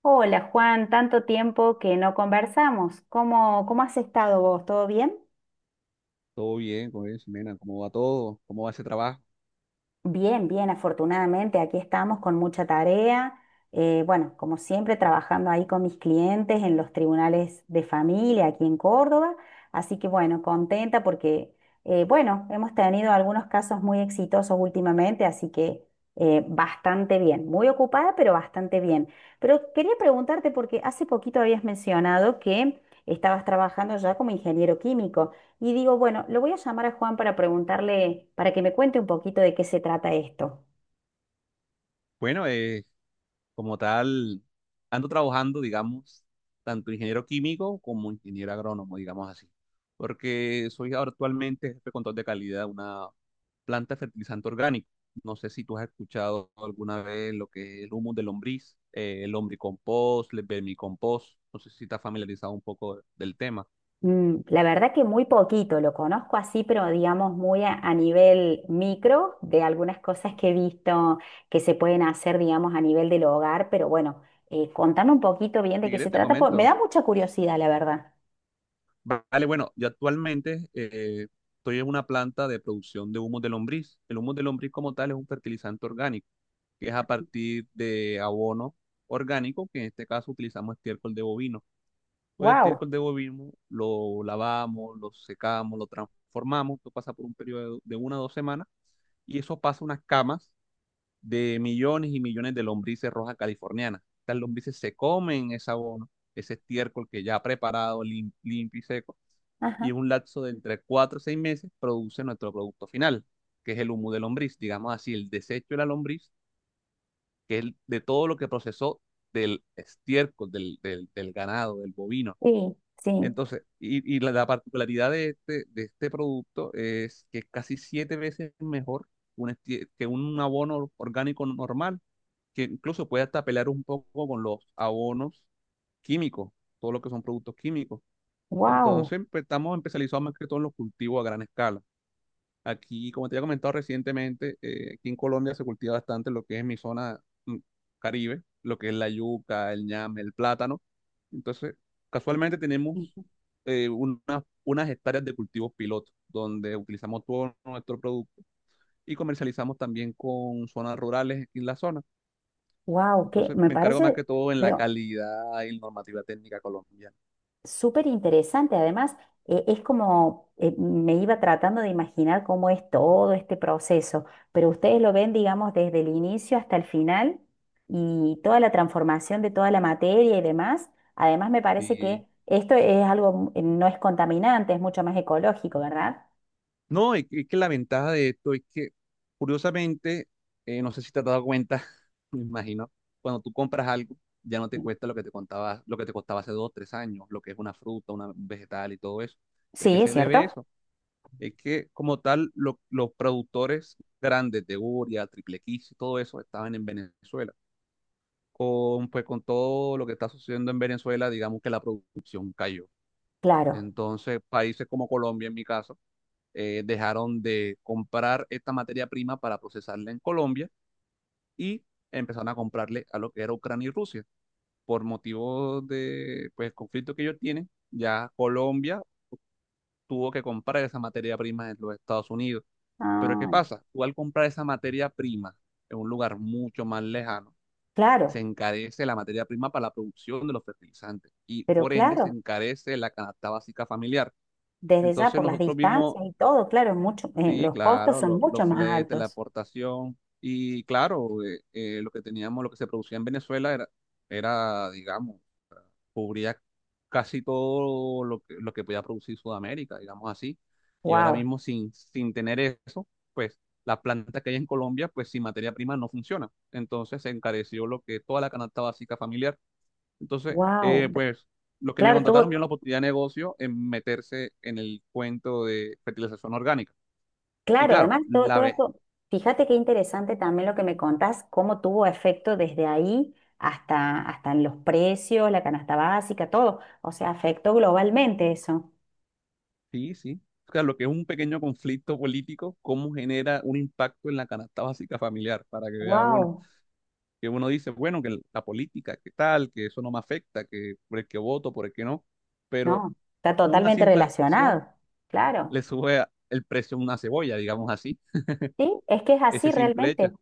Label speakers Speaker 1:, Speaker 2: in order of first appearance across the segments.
Speaker 1: Hola Juan, tanto tiempo que no conversamos. ¿Cómo has estado vos? ¿Todo bien?
Speaker 2: Todo bien, ¿cómo bien, Ximena? ¿Cómo va todo? ¿Cómo va ese trabajo?
Speaker 1: Bien, bien, afortunadamente aquí estamos con mucha tarea. Bueno, como siempre, trabajando ahí con mis clientes en los tribunales de familia aquí en Córdoba. Así que bueno, contenta porque, bueno, hemos tenido algunos casos muy exitosos últimamente, así que bastante bien. Muy ocupada, pero bastante bien. Pero quería preguntarte porque hace poquito habías mencionado que estabas trabajando ya como ingeniero químico. Y digo, bueno, lo voy a llamar a Juan para preguntarle, para que me cuente un poquito de qué se trata esto.
Speaker 2: Bueno, como tal, ando trabajando, digamos, tanto ingeniero químico como ingeniero agrónomo, digamos así, porque soy ahora actualmente jefe de control de calidad de una planta de fertilizante orgánico. No sé si tú has escuchado alguna vez lo que es el humus de lombriz, el lombricompost, el vermicompost. No sé si estás familiarizado un poco del tema.
Speaker 1: Mm, la verdad que muy poquito, lo conozco así, pero digamos muy a nivel micro de algunas cosas que he visto que se pueden hacer, digamos, a nivel del hogar, pero bueno, contame un poquito bien
Speaker 2: Si
Speaker 1: de qué se
Speaker 2: quieres, te
Speaker 1: trata, porque me
Speaker 2: comento.
Speaker 1: da mucha curiosidad, la verdad.
Speaker 2: Vale, bueno, yo actualmente estoy en una planta de producción de humos de lombriz. El humo de lombriz como tal es un fertilizante orgánico, que es a partir de abono orgánico, que en este caso utilizamos estiércol de bovino. Pues el
Speaker 1: Wow.
Speaker 2: estiércol de bovino lo lavamos, lo secamos, lo transformamos, esto pasa por un periodo de 1 o 2 semanas, y eso pasa a unas camas de millones y millones de lombrices rojas californianas. Estas lombrices se comen ese abono, ese estiércol que ya ha preparado, limpio y seco, y
Speaker 1: Ajá.
Speaker 2: en un lapso de entre 4 o 6 meses produce nuestro producto final, que es el humo de lombriz, digamos así, el desecho de la lombriz, que es de todo lo que procesó del estiércol, del ganado, del bovino.
Speaker 1: Sí, sí.
Speaker 2: Entonces, y la particularidad de este, producto es que es casi 7 veces mejor que un abono orgánico normal, que incluso puede hasta pelear un poco con los abonos químicos, todo lo que son productos químicos.
Speaker 1: Wow.
Speaker 2: Entonces, pues, estamos especializados más que todo en los cultivos a gran escala. Aquí, como te había comentado recientemente, aquí en Colombia se cultiva bastante lo que es mi zona mm, Caribe, lo que es la yuca, el ñame, el plátano. Entonces, casualmente tenemos unas hectáreas de cultivos piloto, donde utilizamos todo nuestro producto y comercializamos también con zonas rurales aquí en la zona.
Speaker 1: Wow, que
Speaker 2: Entonces,
Speaker 1: me
Speaker 2: me encargo más
Speaker 1: parece,
Speaker 2: que todo en la
Speaker 1: pero
Speaker 2: calidad y normativa técnica colombiana.
Speaker 1: súper interesante, además, es como me iba tratando de imaginar cómo es todo este proceso, pero ustedes lo ven, digamos, desde el inicio hasta el final y toda la transformación de toda la materia y demás. Además, me parece
Speaker 2: Y
Speaker 1: que esto es algo, no es contaminante, es mucho más ecológico, ¿verdad?
Speaker 2: no, es que la ventaja de esto es que, curiosamente, no sé si te has dado cuenta, me imagino, cuando tú compras algo, ya no te cuesta lo que te contaba, lo que te costaba hace 2, 3 años, lo que es una fruta, un vegetal y todo eso. ¿De qué
Speaker 1: Sí, es
Speaker 2: se debe
Speaker 1: cierto.
Speaker 2: eso? Es que, como tal, los productores grandes de Uria, Triple X y todo eso estaban en Venezuela. Pues, con todo lo que está sucediendo en Venezuela, digamos que la producción cayó.
Speaker 1: Claro.
Speaker 2: Entonces, países como Colombia, en mi caso, dejaron de comprar esta materia prima para procesarla en Colombia y empezaron a comprarle a lo que era Ucrania y Rusia. Por motivos de, pues, conflicto que ellos tienen, ya Colombia tuvo que comprar esa materia prima en los Estados Unidos. Pero ¿qué
Speaker 1: Ah,
Speaker 2: pasa? Tú, al comprar esa materia prima en un lugar mucho más lejano, se
Speaker 1: claro,
Speaker 2: encarece la materia prima para la producción de los fertilizantes y
Speaker 1: pero
Speaker 2: por ende
Speaker 1: claro,
Speaker 2: se encarece la canasta básica familiar.
Speaker 1: desde ya
Speaker 2: Entonces
Speaker 1: por las
Speaker 2: nosotros mismos,
Speaker 1: distancias y todo, claro, es mucho,
Speaker 2: sí,
Speaker 1: los costos
Speaker 2: claro,
Speaker 1: son mucho
Speaker 2: los
Speaker 1: más
Speaker 2: fletes, la
Speaker 1: altos.
Speaker 2: aportación. Y claro, lo que teníamos, lo que se producía en Venezuela era, digamos, cubría casi todo lo que podía producir Sudamérica, digamos así. Y ahora
Speaker 1: Wow,
Speaker 2: mismo, sin tener eso, pues las plantas que hay en Colombia, pues sin materia prima no funcionan. Entonces se encareció lo que toda la canasta básica familiar. Entonces,
Speaker 1: wow.
Speaker 2: pues los que me
Speaker 1: Claro,
Speaker 2: contrataron
Speaker 1: tuvo,
Speaker 2: vieron la oportunidad de negocio en meterse en el cuento de fertilización orgánica. Y
Speaker 1: claro,
Speaker 2: claro,
Speaker 1: además todo, todo esto, fíjate qué interesante también lo que me contás, cómo tuvo efecto desde ahí hasta, hasta en los precios, la canasta básica, todo. O sea, afectó globalmente eso.
Speaker 2: sí, sí. O sea, lo que es un pequeño conflicto político, cómo genera un impacto en la canasta básica familiar, para que vea uno,
Speaker 1: Wow,
Speaker 2: que uno dice, bueno, que la política, que tal, que eso no me afecta, que por el que voto, por el que no, pero
Speaker 1: no, está
Speaker 2: una
Speaker 1: totalmente
Speaker 2: simple acción
Speaker 1: relacionado. Claro.
Speaker 2: le sube el precio a una cebolla, digamos así,
Speaker 1: Sí, es que es así
Speaker 2: ese simple hecho.
Speaker 1: realmente.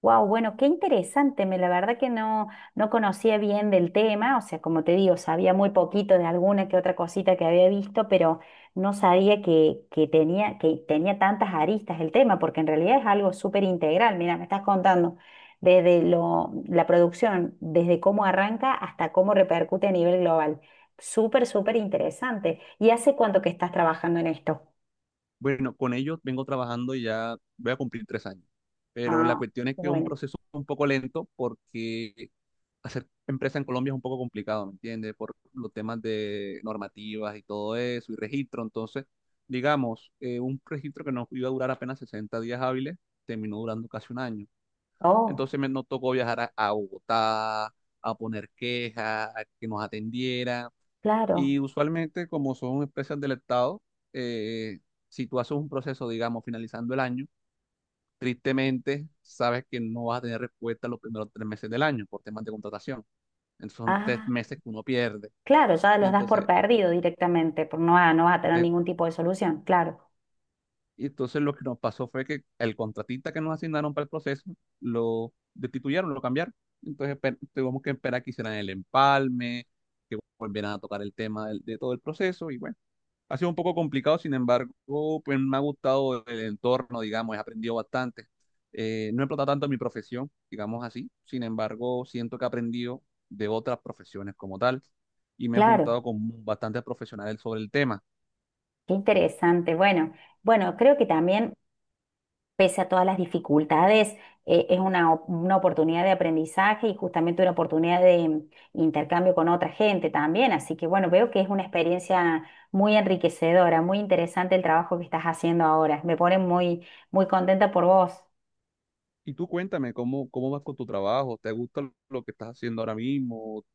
Speaker 1: Wow, bueno, qué interesante. Me, la verdad que no, no conocía bien del tema, o sea, como te digo, sabía muy poquito de alguna que otra cosita que había visto, pero no sabía que, que tenía tantas aristas el tema, porque en realidad es algo súper integral. Mira, me estás contando desde lo, la producción, desde cómo arranca hasta cómo repercute a nivel global. Súper, súper interesante. ¿Y hace cuánto que estás trabajando en esto?
Speaker 2: Bueno, con ellos vengo trabajando y ya voy a cumplir 3 años, pero la
Speaker 1: Ah,
Speaker 2: cuestión es que es un
Speaker 1: bueno.
Speaker 2: proceso un poco lento, porque hacer empresa en Colombia es un poco complicado, ¿me entiendes? Por los temas de normativas y todo eso, y registro. Entonces, digamos, un registro que nos iba a durar apenas 60 días hábiles, terminó durando casi un año.
Speaker 1: Oh,
Speaker 2: Entonces me nos tocó viajar a Bogotá, a poner quejas, a que nos atendieran.
Speaker 1: claro.
Speaker 2: Y usualmente, como son empresas del Estado, eh, si tú haces un proceso, digamos, finalizando el año, tristemente sabes que no vas a tener respuesta los primeros 3 meses del año por temas de contratación. Entonces son tres
Speaker 1: Ah.
Speaker 2: meses que uno pierde.
Speaker 1: Claro, ya los das por
Speaker 2: Entonces,
Speaker 1: perdido directamente, por no, va- no vas a tener
Speaker 2: te-
Speaker 1: ningún tipo de solución. Claro,
Speaker 2: y entonces lo que nos pasó fue que el contratista que nos asignaron para el proceso lo destituyeron, lo cambiaron. Entonces tuvimos que esperar que hicieran el empalme, que volvieran a tocar el tema de todo el proceso. Y bueno, ha sido un poco complicado; sin embargo, pues me ha gustado el entorno, digamos, he aprendido bastante. No he explotado tanto mi profesión, digamos así. Sin embargo, siento que he aprendido de otras profesiones como tal y me he juntado
Speaker 1: claro,
Speaker 2: con bastantes profesionales sobre el tema.
Speaker 1: qué interesante. Bueno, bueno, creo que
Speaker 2: Y,
Speaker 1: también, pese a todas las dificultades, es una, op- una oportunidad de aprendizaje y justamente una oportunidad de mm, intercambio con otra gente también. Así que bueno, veo que es una experiencia muy enriquecedora, muy interesante el trabajo que estás haciendo ahora. Me pone muy, muy contenta por vos.
Speaker 2: y tú cuéntame, ¿cómo vas con tu trabajo? ¿Te gusta lo que estás haciendo ahora mismo?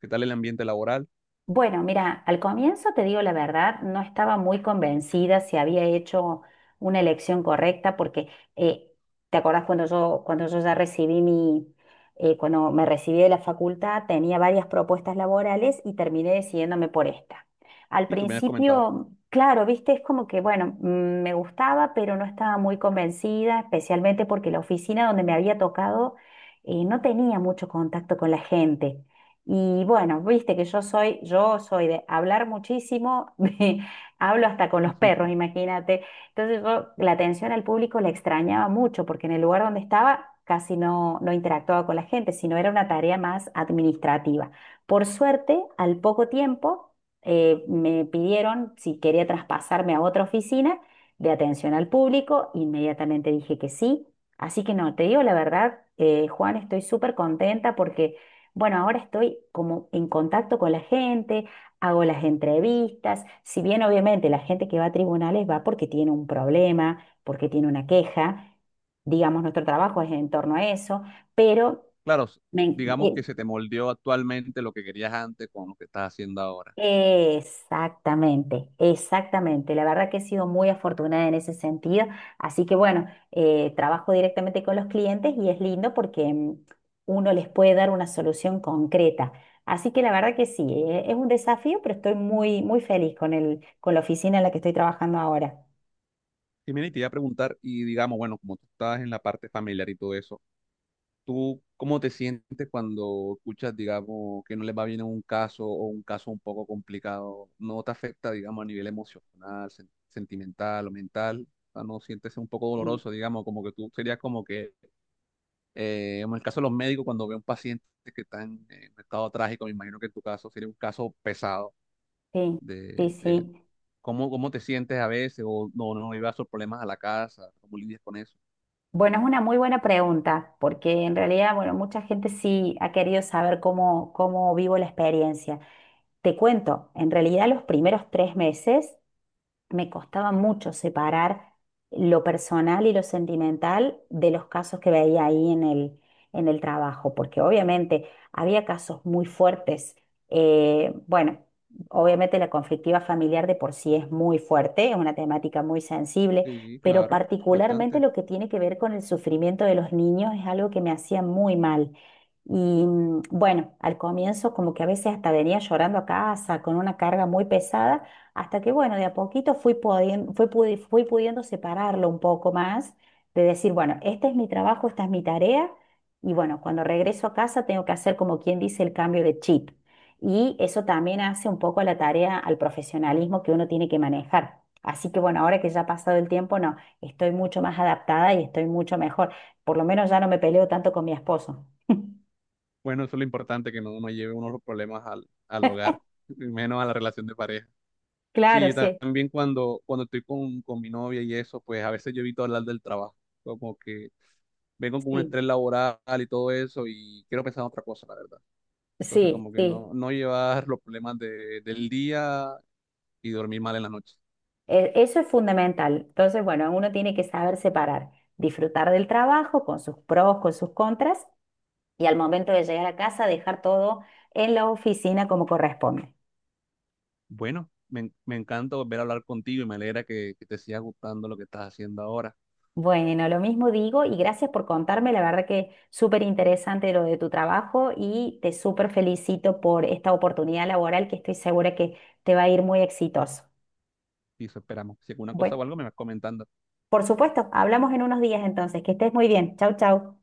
Speaker 2: ¿Qué tal el ambiente laboral?
Speaker 1: Bueno, mira, al comienzo te digo la verdad, no estaba muy convencida si había hecho una elección correcta, porque eh, te acordás cuando yo ya recibí mi, cuando me recibí de la facultad, tenía varias propuestas laborales y terminé decidiéndome por esta. Al
Speaker 2: Y tú me has comentado.
Speaker 1: principio, claro, viste, es como que, bueno, mm, me gustaba, pero no estaba muy convencida, especialmente porque la oficina donde me había tocado no tenía mucho contacto con la gente. Y bueno, viste que yo soy de hablar muchísimo, de- hablo hasta con los perros,
Speaker 2: Ujú.
Speaker 1: imagínate. Entonces yo la atención al público la extrañaba mucho porque en el lugar donde estaba casi no, no interactuaba con la gente, sino era una tarea más administrativa. Por suerte, al poco tiempo me pidieron si quería traspasarme a otra oficina de atención al público, inmediatamente dije que sí. Así que no, te digo la verdad, Juan, estoy súper contenta porque... Bueno, ahora estoy como en contacto con la gente, hago las entrevistas, si bien obviamente la gente que va a tribunales va porque tiene un problema, porque tiene una queja, digamos, nuestro trabajo es en torno a eso, pero
Speaker 2: Claro,
Speaker 1: me, en-
Speaker 2: digamos
Speaker 1: eh,
Speaker 2: que se te moldeó actualmente lo que querías antes con lo que estás haciendo ahora.
Speaker 1: exactamente, exactamente. La verdad que he sido muy afortunada en ese sentido. Así que bueno, trabajo directamente con los clientes y es lindo porque mm, uno les puede dar una solución concreta. Así que la verdad que sí, es un desafío, pero estoy muy, muy feliz con el, con la oficina en la que estoy trabajando ahora.
Speaker 2: Y mira, y te iba a preguntar, y digamos, bueno, como tú estás en la parte familiar y todo eso, ¿tú cómo te sientes cuando escuchas, digamos, que no les va bien en un caso, o un caso un poco complicado? ¿No te afecta, digamos, a nivel emocional, sentimental o mental? O sea, ¿no sientes un poco
Speaker 1: Sí,
Speaker 2: doloroso, digamos, como que tú serías como que, en el caso de los médicos, cuando ve un paciente que está en un estado trágico, me imagino que en tu caso sería un caso pesado
Speaker 1: sí, sí.
Speaker 2: de
Speaker 1: Sí.
Speaker 2: cómo te sientes a veces, o no, no llevas esos problemas a la casa, cómo lidias con eso?
Speaker 1: Bueno, es una muy buena pregunta, porque en realidad, bueno, mucha gente sí ha querido saber cómo, cómo vivo la experiencia. Te cuento, en realidad los primeros tres meses me costaba mucho separar lo personal y lo sentimental de los casos que veía ahí en el trabajo, porque obviamente había casos muy fuertes. Bueno, obviamente la conflictiva familiar de por sí es muy fuerte, es una temática muy sensible,
Speaker 2: Sí,
Speaker 1: pero
Speaker 2: claro,
Speaker 1: particularmente
Speaker 2: bastante.
Speaker 1: lo que tiene que ver con el sufrimiento de los niños es algo que me hacía muy mal. Y mm, bueno, al comienzo como que a veces hasta venía llorando a casa con una carga muy pesada hasta que, bueno, de a poquito fui pudiendo separarlo un poco más, de decir, bueno, este es mi trabajo, esta es mi tarea, y bueno, cuando regreso a casa tengo que hacer como quien dice el cambio de chip. Y eso también hace un poco a la tarea, al profesionalismo que uno tiene que manejar. Así que bueno, ahora que ya ha pasado el tiempo, no, estoy mucho más adaptada y estoy mucho mejor. Por lo menos ya no me peleo tanto con mi esposo.
Speaker 2: Bueno, eso es lo importante, que no, no lleve unos problemas al hogar, y menos a la relación de pareja. Sí,
Speaker 1: Claro,
Speaker 2: yo
Speaker 1: sí,
Speaker 2: también cuando, estoy con mi novia y eso, pues a veces yo evito hablar del trabajo, como que vengo con un
Speaker 1: sí,
Speaker 2: estrés laboral y todo eso, y quiero pensar en otra cosa, la verdad. Entonces,
Speaker 1: sí,
Speaker 2: como que
Speaker 1: sí.
Speaker 2: no, no llevar los problemas del día y dormir mal en la noche.
Speaker 1: Eso es fundamental. Entonces, bueno, uno tiene que saber separar, disfrutar del trabajo con sus pros, con sus contras y al momento de llegar a casa dejar todo en la oficina como corresponde.
Speaker 2: Bueno, me encanta volver a hablar contigo y me alegra que te siga gustando lo que estás haciendo ahora.
Speaker 1: Bueno, lo mismo digo y gracias por contarme. La verdad que súper interesante lo de tu trabajo y te súper felicito por esta oportunidad laboral que estoy segura que te va a ir muy exitoso.
Speaker 2: Y eso esperamos. Si alguna cosa
Speaker 1: Bueno,
Speaker 2: o algo, me vas comentando.
Speaker 1: por supuesto, hablamos en unos días entonces. Que estés muy bien. Chau, chau.